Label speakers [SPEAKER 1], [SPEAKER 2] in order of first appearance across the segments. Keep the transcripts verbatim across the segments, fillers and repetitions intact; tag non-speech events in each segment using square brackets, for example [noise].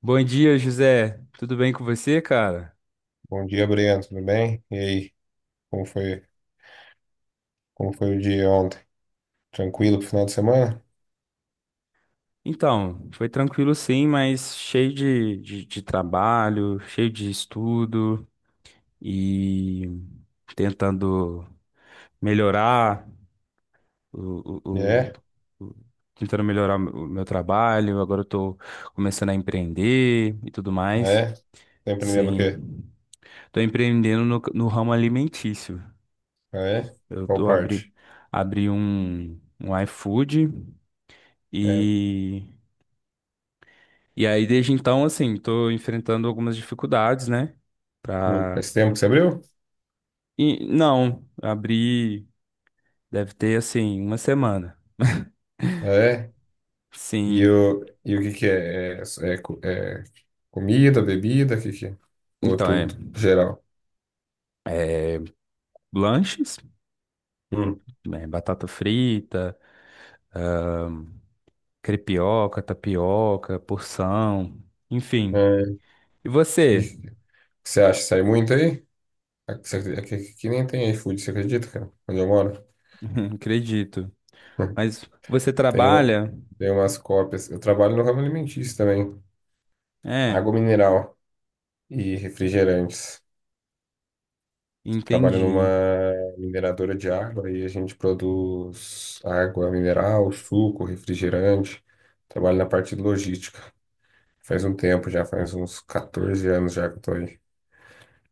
[SPEAKER 1] Bom dia, José. Tudo bem com você, cara?
[SPEAKER 2] Bom dia, Breno. Tudo bem? E aí? Como foi, como foi o dia ontem? Tranquilo pro final de semana?
[SPEAKER 1] Então, foi tranquilo sim, mas cheio de, de, de trabalho, cheio de estudo e tentando melhorar o, o,
[SPEAKER 2] É?
[SPEAKER 1] o- o- tentando melhorar o meu trabalho. Agora eu tô começando a empreender e tudo
[SPEAKER 2] Ah,
[SPEAKER 1] mais.
[SPEAKER 2] é? Tá empreendendo o
[SPEAKER 1] Sim.
[SPEAKER 2] quê?
[SPEAKER 1] Tô empreendendo no, no ramo alimentício.
[SPEAKER 2] Ah, é?
[SPEAKER 1] Eu
[SPEAKER 2] Qual
[SPEAKER 1] tô abri,
[SPEAKER 2] parte?
[SPEAKER 1] Abri um, um iFood.
[SPEAKER 2] É.
[SPEAKER 1] E E aí, desde então, assim, tô enfrentando algumas dificuldades, né?
[SPEAKER 2] Hum,
[SPEAKER 1] Pra.
[SPEAKER 2] faz tempo que você abriu?
[SPEAKER 1] E, não, abri, deve ter, assim, uma semana.
[SPEAKER 2] Ah, é? E
[SPEAKER 1] Sim.
[SPEAKER 2] o, e o que que é? É, é co- é comida, bebida? O que que é? Ou
[SPEAKER 1] Então, é
[SPEAKER 2] tudo, geral?
[SPEAKER 1] lanches,
[SPEAKER 2] Hum.
[SPEAKER 1] né, batata frita, crepioca, tapioca, porção, enfim.
[SPEAKER 2] É.
[SPEAKER 1] E
[SPEAKER 2] E o
[SPEAKER 1] você?
[SPEAKER 2] que você acha? Sai muito aí? Aqui, aqui- aqui nem tem iFood, você acredita, cara? Onde eu moro?
[SPEAKER 1] [laughs] Acredito.
[SPEAKER 2] [laughs]
[SPEAKER 1] Mas você
[SPEAKER 2] Tem, uma-
[SPEAKER 1] trabalha?
[SPEAKER 2] tem umas cópias. Eu trabalho no ramo alimentício também.
[SPEAKER 1] É,
[SPEAKER 2] Água mineral e refrigerantes. Trabalho numa
[SPEAKER 1] entendi.
[SPEAKER 2] mineradora de água e a gente produz água mineral, suco, refrigerante. Trabalho na parte de logística. Faz um tempo já, faz uns quatorze anos já que eu tô aí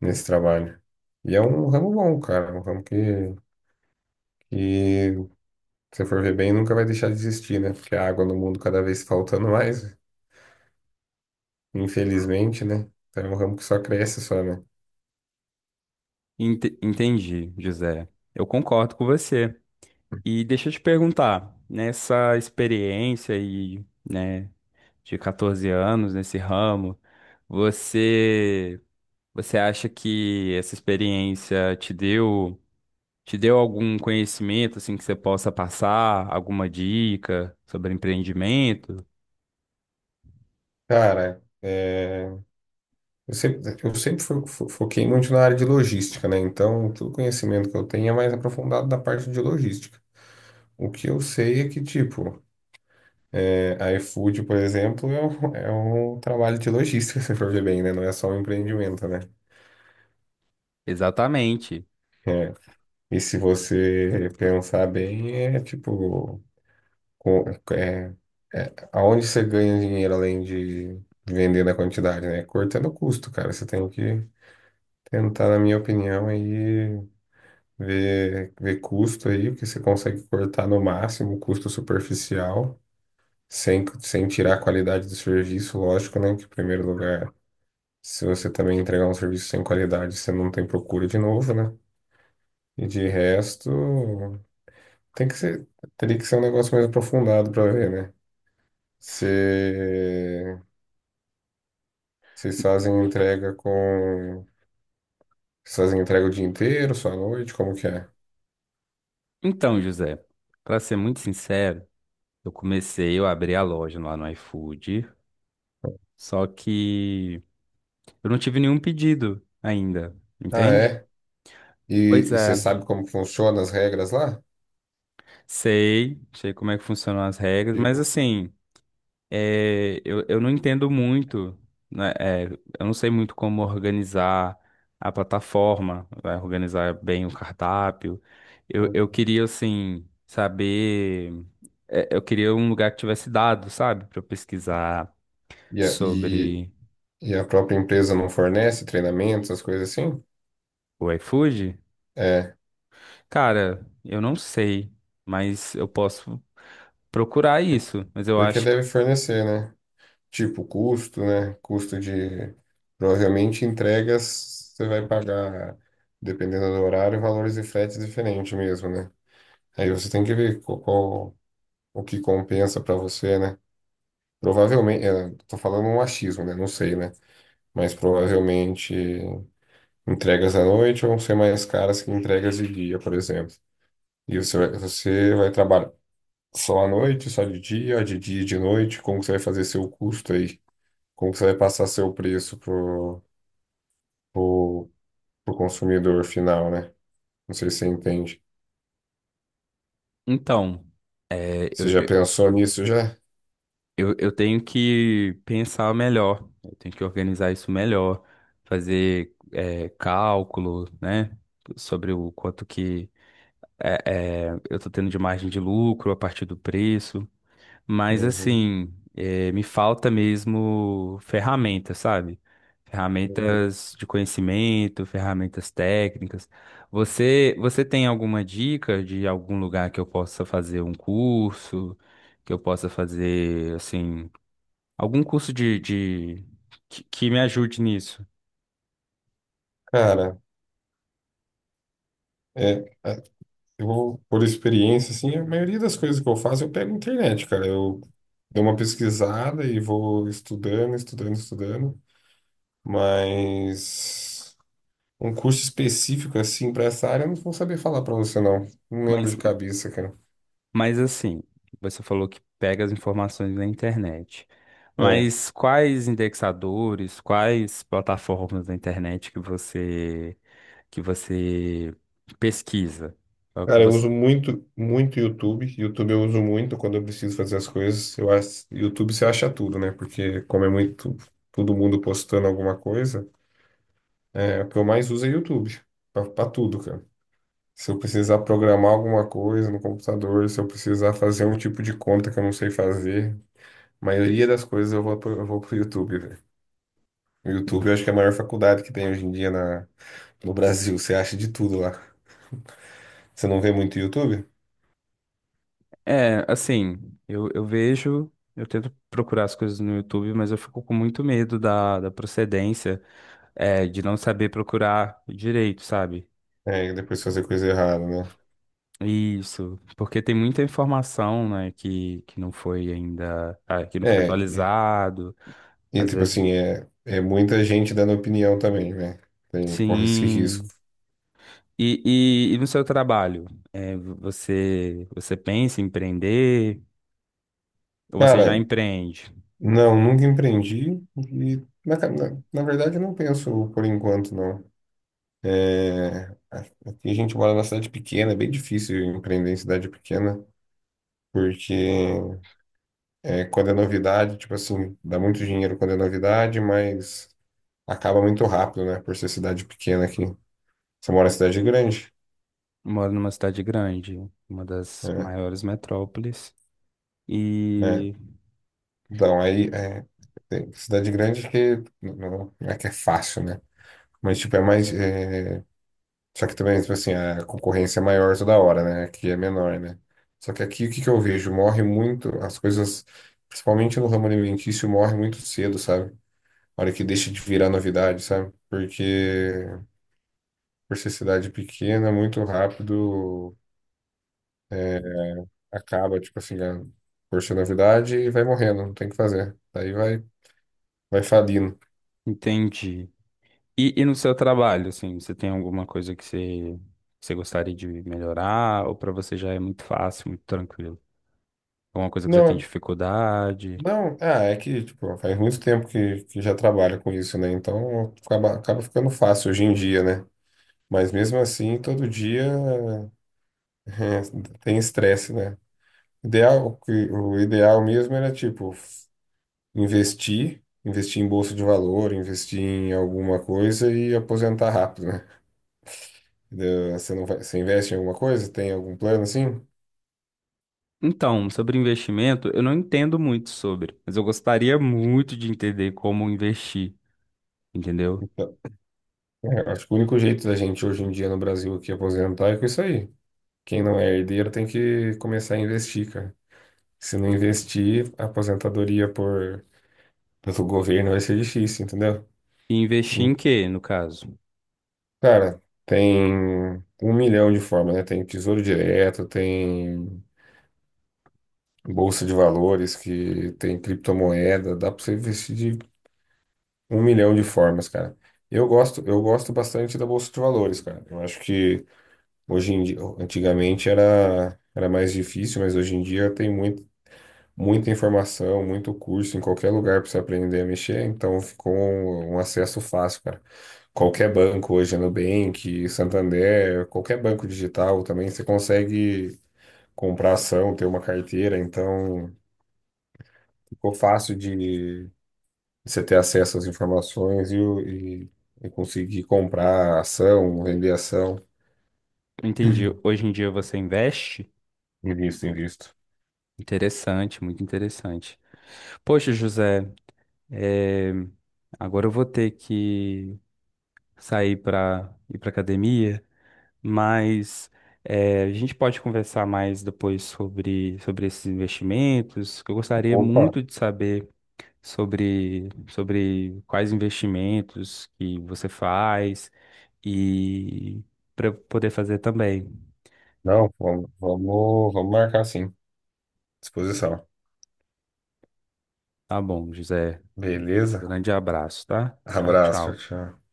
[SPEAKER 2] nesse trabalho. E é um ramo bom, cara, é um ramo que, que se for ver bem, nunca vai deixar de existir, né? Porque a água no mundo cada vez faltando mais, infelizmente, né? Então é um ramo que só cresce só, né?
[SPEAKER 1] Ente- entendi, José. Eu concordo com você. E deixa eu te perguntar, nessa experiência e, né, de catorze anos nesse ramo, você você acha que essa experiência te deu te deu algum conhecimento assim que você possa passar, alguma dica sobre empreendimento?
[SPEAKER 2] Cara, é... Eu sempre, eu sempre fo- fo- foquei muito na área de logística, né? Então, todo conhecimento que eu tenho é mais aprofundado da parte de logística. O que eu sei é que, tipo, é, a iFood, por exemplo, é um, é um trabalho de logística, [laughs] se for ver bem, né? Não é só um empreendimento, né?
[SPEAKER 1] Exatamente.
[SPEAKER 2] É. E se você pensar bem, é tipo, com- é, aonde você ganha dinheiro além de vender na quantidade, né? Cortando o custo, cara. Você tem que tentar, na minha opinião, aí. Ver, ver custo aí, porque você consegue cortar no máximo o custo superficial, sem, sem tirar a qualidade do serviço, lógico, né? Que em primeiro lugar, se você também entregar um serviço sem qualidade, você não tem procura de novo, né? E de resto, tem que ser, teria que ser um negócio mais aprofundado para ver, né? Você, vocês fazem entrega com. Vocês fazem entrega o dia inteiro, só à noite? Como que é?
[SPEAKER 1] Então, José, para ser muito sincero, eu comecei, eu abri a loja lá no iFood, só que eu não tive nenhum pedido ainda,
[SPEAKER 2] Ah,
[SPEAKER 1] entende?
[SPEAKER 2] é? E,
[SPEAKER 1] Pois
[SPEAKER 2] e você
[SPEAKER 1] é.
[SPEAKER 2] sabe como que funciona as regras lá?
[SPEAKER 1] Sei, sei como é que funcionam as regras, mas
[SPEAKER 2] Tipo,
[SPEAKER 1] assim, é, eu, eu não entendo muito, né, é, eu não sei muito como organizar a plataforma, vai organizar bem o cardápio. Eu, eu queria, assim, saber. É, eu queria um lugar que tivesse dados, sabe, para eu pesquisar
[SPEAKER 2] E a, e,
[SPEAKER 1] sobre
[SPEAKER 2] e a própria empresa não fornece treinamentos, as coisas assim?
[SPEAKER 1] o iFood.
[SPEAKER 2] É,
[SPEAKER 1] Cara, eu não sei, mas eu posso procurar
[SPEAKER 2] por-
[SPEAKER 1] isso, mas eu
[SPEAKER 2] porque
[SPEAKER 1] acho.
[SPEAKER 2] deve fornecer, né? Tipo, custo, né? Custo de. Provavelmente entregas você vai pagar, dependendo do horário, valores de frete diferentes mesmo, né? Aí você tem que ver qual, qual- o que compensa para você, né? Provavelmente, é, tô falando um achismo, né? Não sei, né? Mas provavelmente entregas à noite vão ser mais caras que entregas de dia, por exemplo. E você vai, você vai trabalhar só à noite, só de dia, de dia e de noite? Como que você vai fazer seu custo aí? Como que você vai passar seu preço pro, pro, pro consumidor final, né? Não sei se você entende.
[SPEAKER 1] Então.
[SPEAKER 2] Você já pensou nisso já?
[SPEAKER 1] Eu, eu tenho que pensar melhor, eu tenho que organizar isso melhor, fazer eh, cálculo, né, sobre o quanto que eh, eh, eu estou tendo de margem de lucro a partir do preço, mas
[SPEAKER 2] Uhum,
[SPEAKER 1] assim, eh, me falta mesmo ferramentas, sabe?
[SPEAKER 2] uhum.
[SPEAKER 1] Ferramentas de conhecimento, ferramentas técnicas. Você, você tem alguma dica de algum lugar que eu possa fazer um curso, que eu possa fazer, assim algum curso de, de que, que me ajude nisso.
[SPEAKER 2] Cara, é, é, eu, por experiência, assim, a maioria das coisas que eu faço eu pego na internet, cara. Eu dou uma pesquisada e vou estudando, estudando, estudando, mas. Um curso específico, assim, para essa área, eu não vou saber falar para você, não. Não lembro
[SPEAKER 1] Mas,
[SPEAKER 2] de cabeça, cara.
[SPEAKER 1] mas assim, você falou que pega as informações na internet.
[SPEAKER 2] É.
[SPEAKER 1] Mas quais indexadores, quais plataformas da internet que você que você pesquisa?
[SPEAKER 2] Cara, eu uso muito, muito YouTube. YouTube eu uso muito quando eu preciso fazer as coisas. Eu acho, YouTube você acha tudo, né? Porque como é muito todo mundo postando alguma coisa, é, o que eu mais uso é YouTube. Para tudo, cara. Se eu precisar programar alguma coisa no computador, se eu precisar fazer um tipo de conta que eu não sei fazer, a maioria das coisas eu vou, pro- eu vou pro YouTube. O YouTube eu acho que é a maior faculdade que tem hoje em dia na, no Brasil. Você acha de tudo lá. Você não vê muito YouTube?
[SPEAKER 1] É, assim, eu, eu vejo, eu tento procurar as coisas no YouTube, mas eu fico com muito medo da, da procedência, é, de não saber procurar direito, sabe?
[SPEAKER 2] É, e depois fazer coisa errada, né?
[SPEAKER 1] Isso, porque tem muita informação, né, que, que não foi ainda, ah, que não foi
[SPEAKER 2] É,
[SPEAKER 1] atualizado,
[SPEAKER 2] e
[SPEAKER 1] às
[SPEAKER 2] tipo
[SPEAKER 1] vezes.
[SPEAKER 2] assim, é, é muita gente dando opinião também, né? Tem, corre esse risco.
[SPEAKER 1] Sim. E, e, e no seu trabalho, é, você você pensa em empreender ou você já
[SPEAKER 2] Cara,
[SPEAKER 1] empreende?
[SPEAKER 2] não, nunca empreendi e, na, na, na verdade, eu não penso por enquanto, não. É, aqui a gente mora numa cidade pequena, é bem difícil empreender em cidade pequena, porque é, quando é novidade, tipo assim, dá muito dinheiro quando é novidade, mas acaba muito rápido, né? Por ser cidade pequena aqui. Você mora em cidade grande,
[SPEAKER 1] Moro numa cidade grande, uma das
[SPEAKER 2] né?
[SPEAKER 1] maiores metrópoles,
[SPEAKER 2] É,
[SPEAKER 1] e
[SPEAKER 2] então, aí, é, tem cidade grande que não não é que é fácil, né? Mas, tipo, é mais. É, só que também, tipo assim, a concorrência é maior toda hora, né? Aqui é menor, né? Só que aqui, o que que eu vejo? Morre muito, as coisas, principalmente no ramo alimentício, morre muito cedo, sabe? A hora que deixa de virar novidade, sabe? Porque por ser cidade pequena, muito rápido, é, acaba, tipo assim, a, por ser novidade e vai morrendo, não tem o que fazer. Daí vai, vai falindo.
[SPEAKER 1] entendi. E, e no seu trabalho, assim, você tem alguma coisa que você, que você gostaria de melhorar ou para você já é muito fácil, muito tranquilo? Alguma coisa que você tem
[SPEAKER 2] Não,
[SPEAKER 1] dificuldade?
[SPEAKER 2] não, ah, é que, tipo, faz muito tempo que, que já trabalho com isso, né? Então acaba, acaba ficando fácil hoje em dia, né? Mas mesmo assim, todo dia é, [laughs] tem estresse, né? Ideal, o que- o ideal mesmo era, tipo, investir, investir em bolsa de valor, investir em alguma coisa e aposentar rápido, né? Entendeu? Você não vai, você investe em alguma coisa? Tem algum plano assim?
[SPEAKER 1] Então, sobre investimento, eu não entendo muito sobre, mas eu gostaria muito de entender como investir, entendeu?
[SPEAKER 2] Então, é, acho que o único jeito da gente hoje em dia no Brasil aqui aposentar é com isso aí. Quem não é herdeiro tem que começar a investir, cara. Se não investir, a aposentadoria por, pelo governo vai ser difícil, entendeu?
[SPEAKER 1] E investir em
[SPEAKER 2] Hum,
[SPEAKER 1] quê, no caso?
[SPEAKER 2] Cara, tem um milhão de formas, né? Tem Tesouro Direto, tem Bolsa de Valores, que tem criptomoeda, dá pra você investir de um milhão de formas, cara. Eu gosto, eu gosto bastante da Bolsa de Valores, cara. Eu acho que hoje em dia, antigamente era, era mais difícil, mas hoje em dia tem muito, muita informação, muito curso em qualquer lugar para você aprender a mexer, então ficou um, um acesso fácil, cara. Qualquer banco hoje, Nubank, Santander, qualquer banco digital também, você consegue comprar ação, ter uma carteira, então ficou fácil de você ter acesso às informações e, o- e, e conseguir comprar ação, vender ação.
[SPEAKER 1] Entendi. Hoje em dia você investe?
[SPEAKER 2] Invisto, invisto.
[SPEAKER 1] Interessante, muito interessante. Poxa, José, é, agora eu vou ter que sair para ir para academia, mas é, a gente pode conversar mais depois sobre, sobre esses investimentos, que eu gostaria
[SPEAKER 2] Opa,
[SPEAKER 1] muito de saber. Sobre, sobre quais investimentos que você faz e para poder fazer também.
[SPEAKER 2] não, vamos, vamos, vamos marcar sim. Disposição.
[SPEAKER 1] Tá bom, José. Um
[SPEAKER 2] Beleza?
[SPEAKER 1] grande abraço, tá? Tchau,
[SPEAKER 2] Abraço, tchau,
[SPEAKER 1] tchau.
[SPEAKER 2] tchau.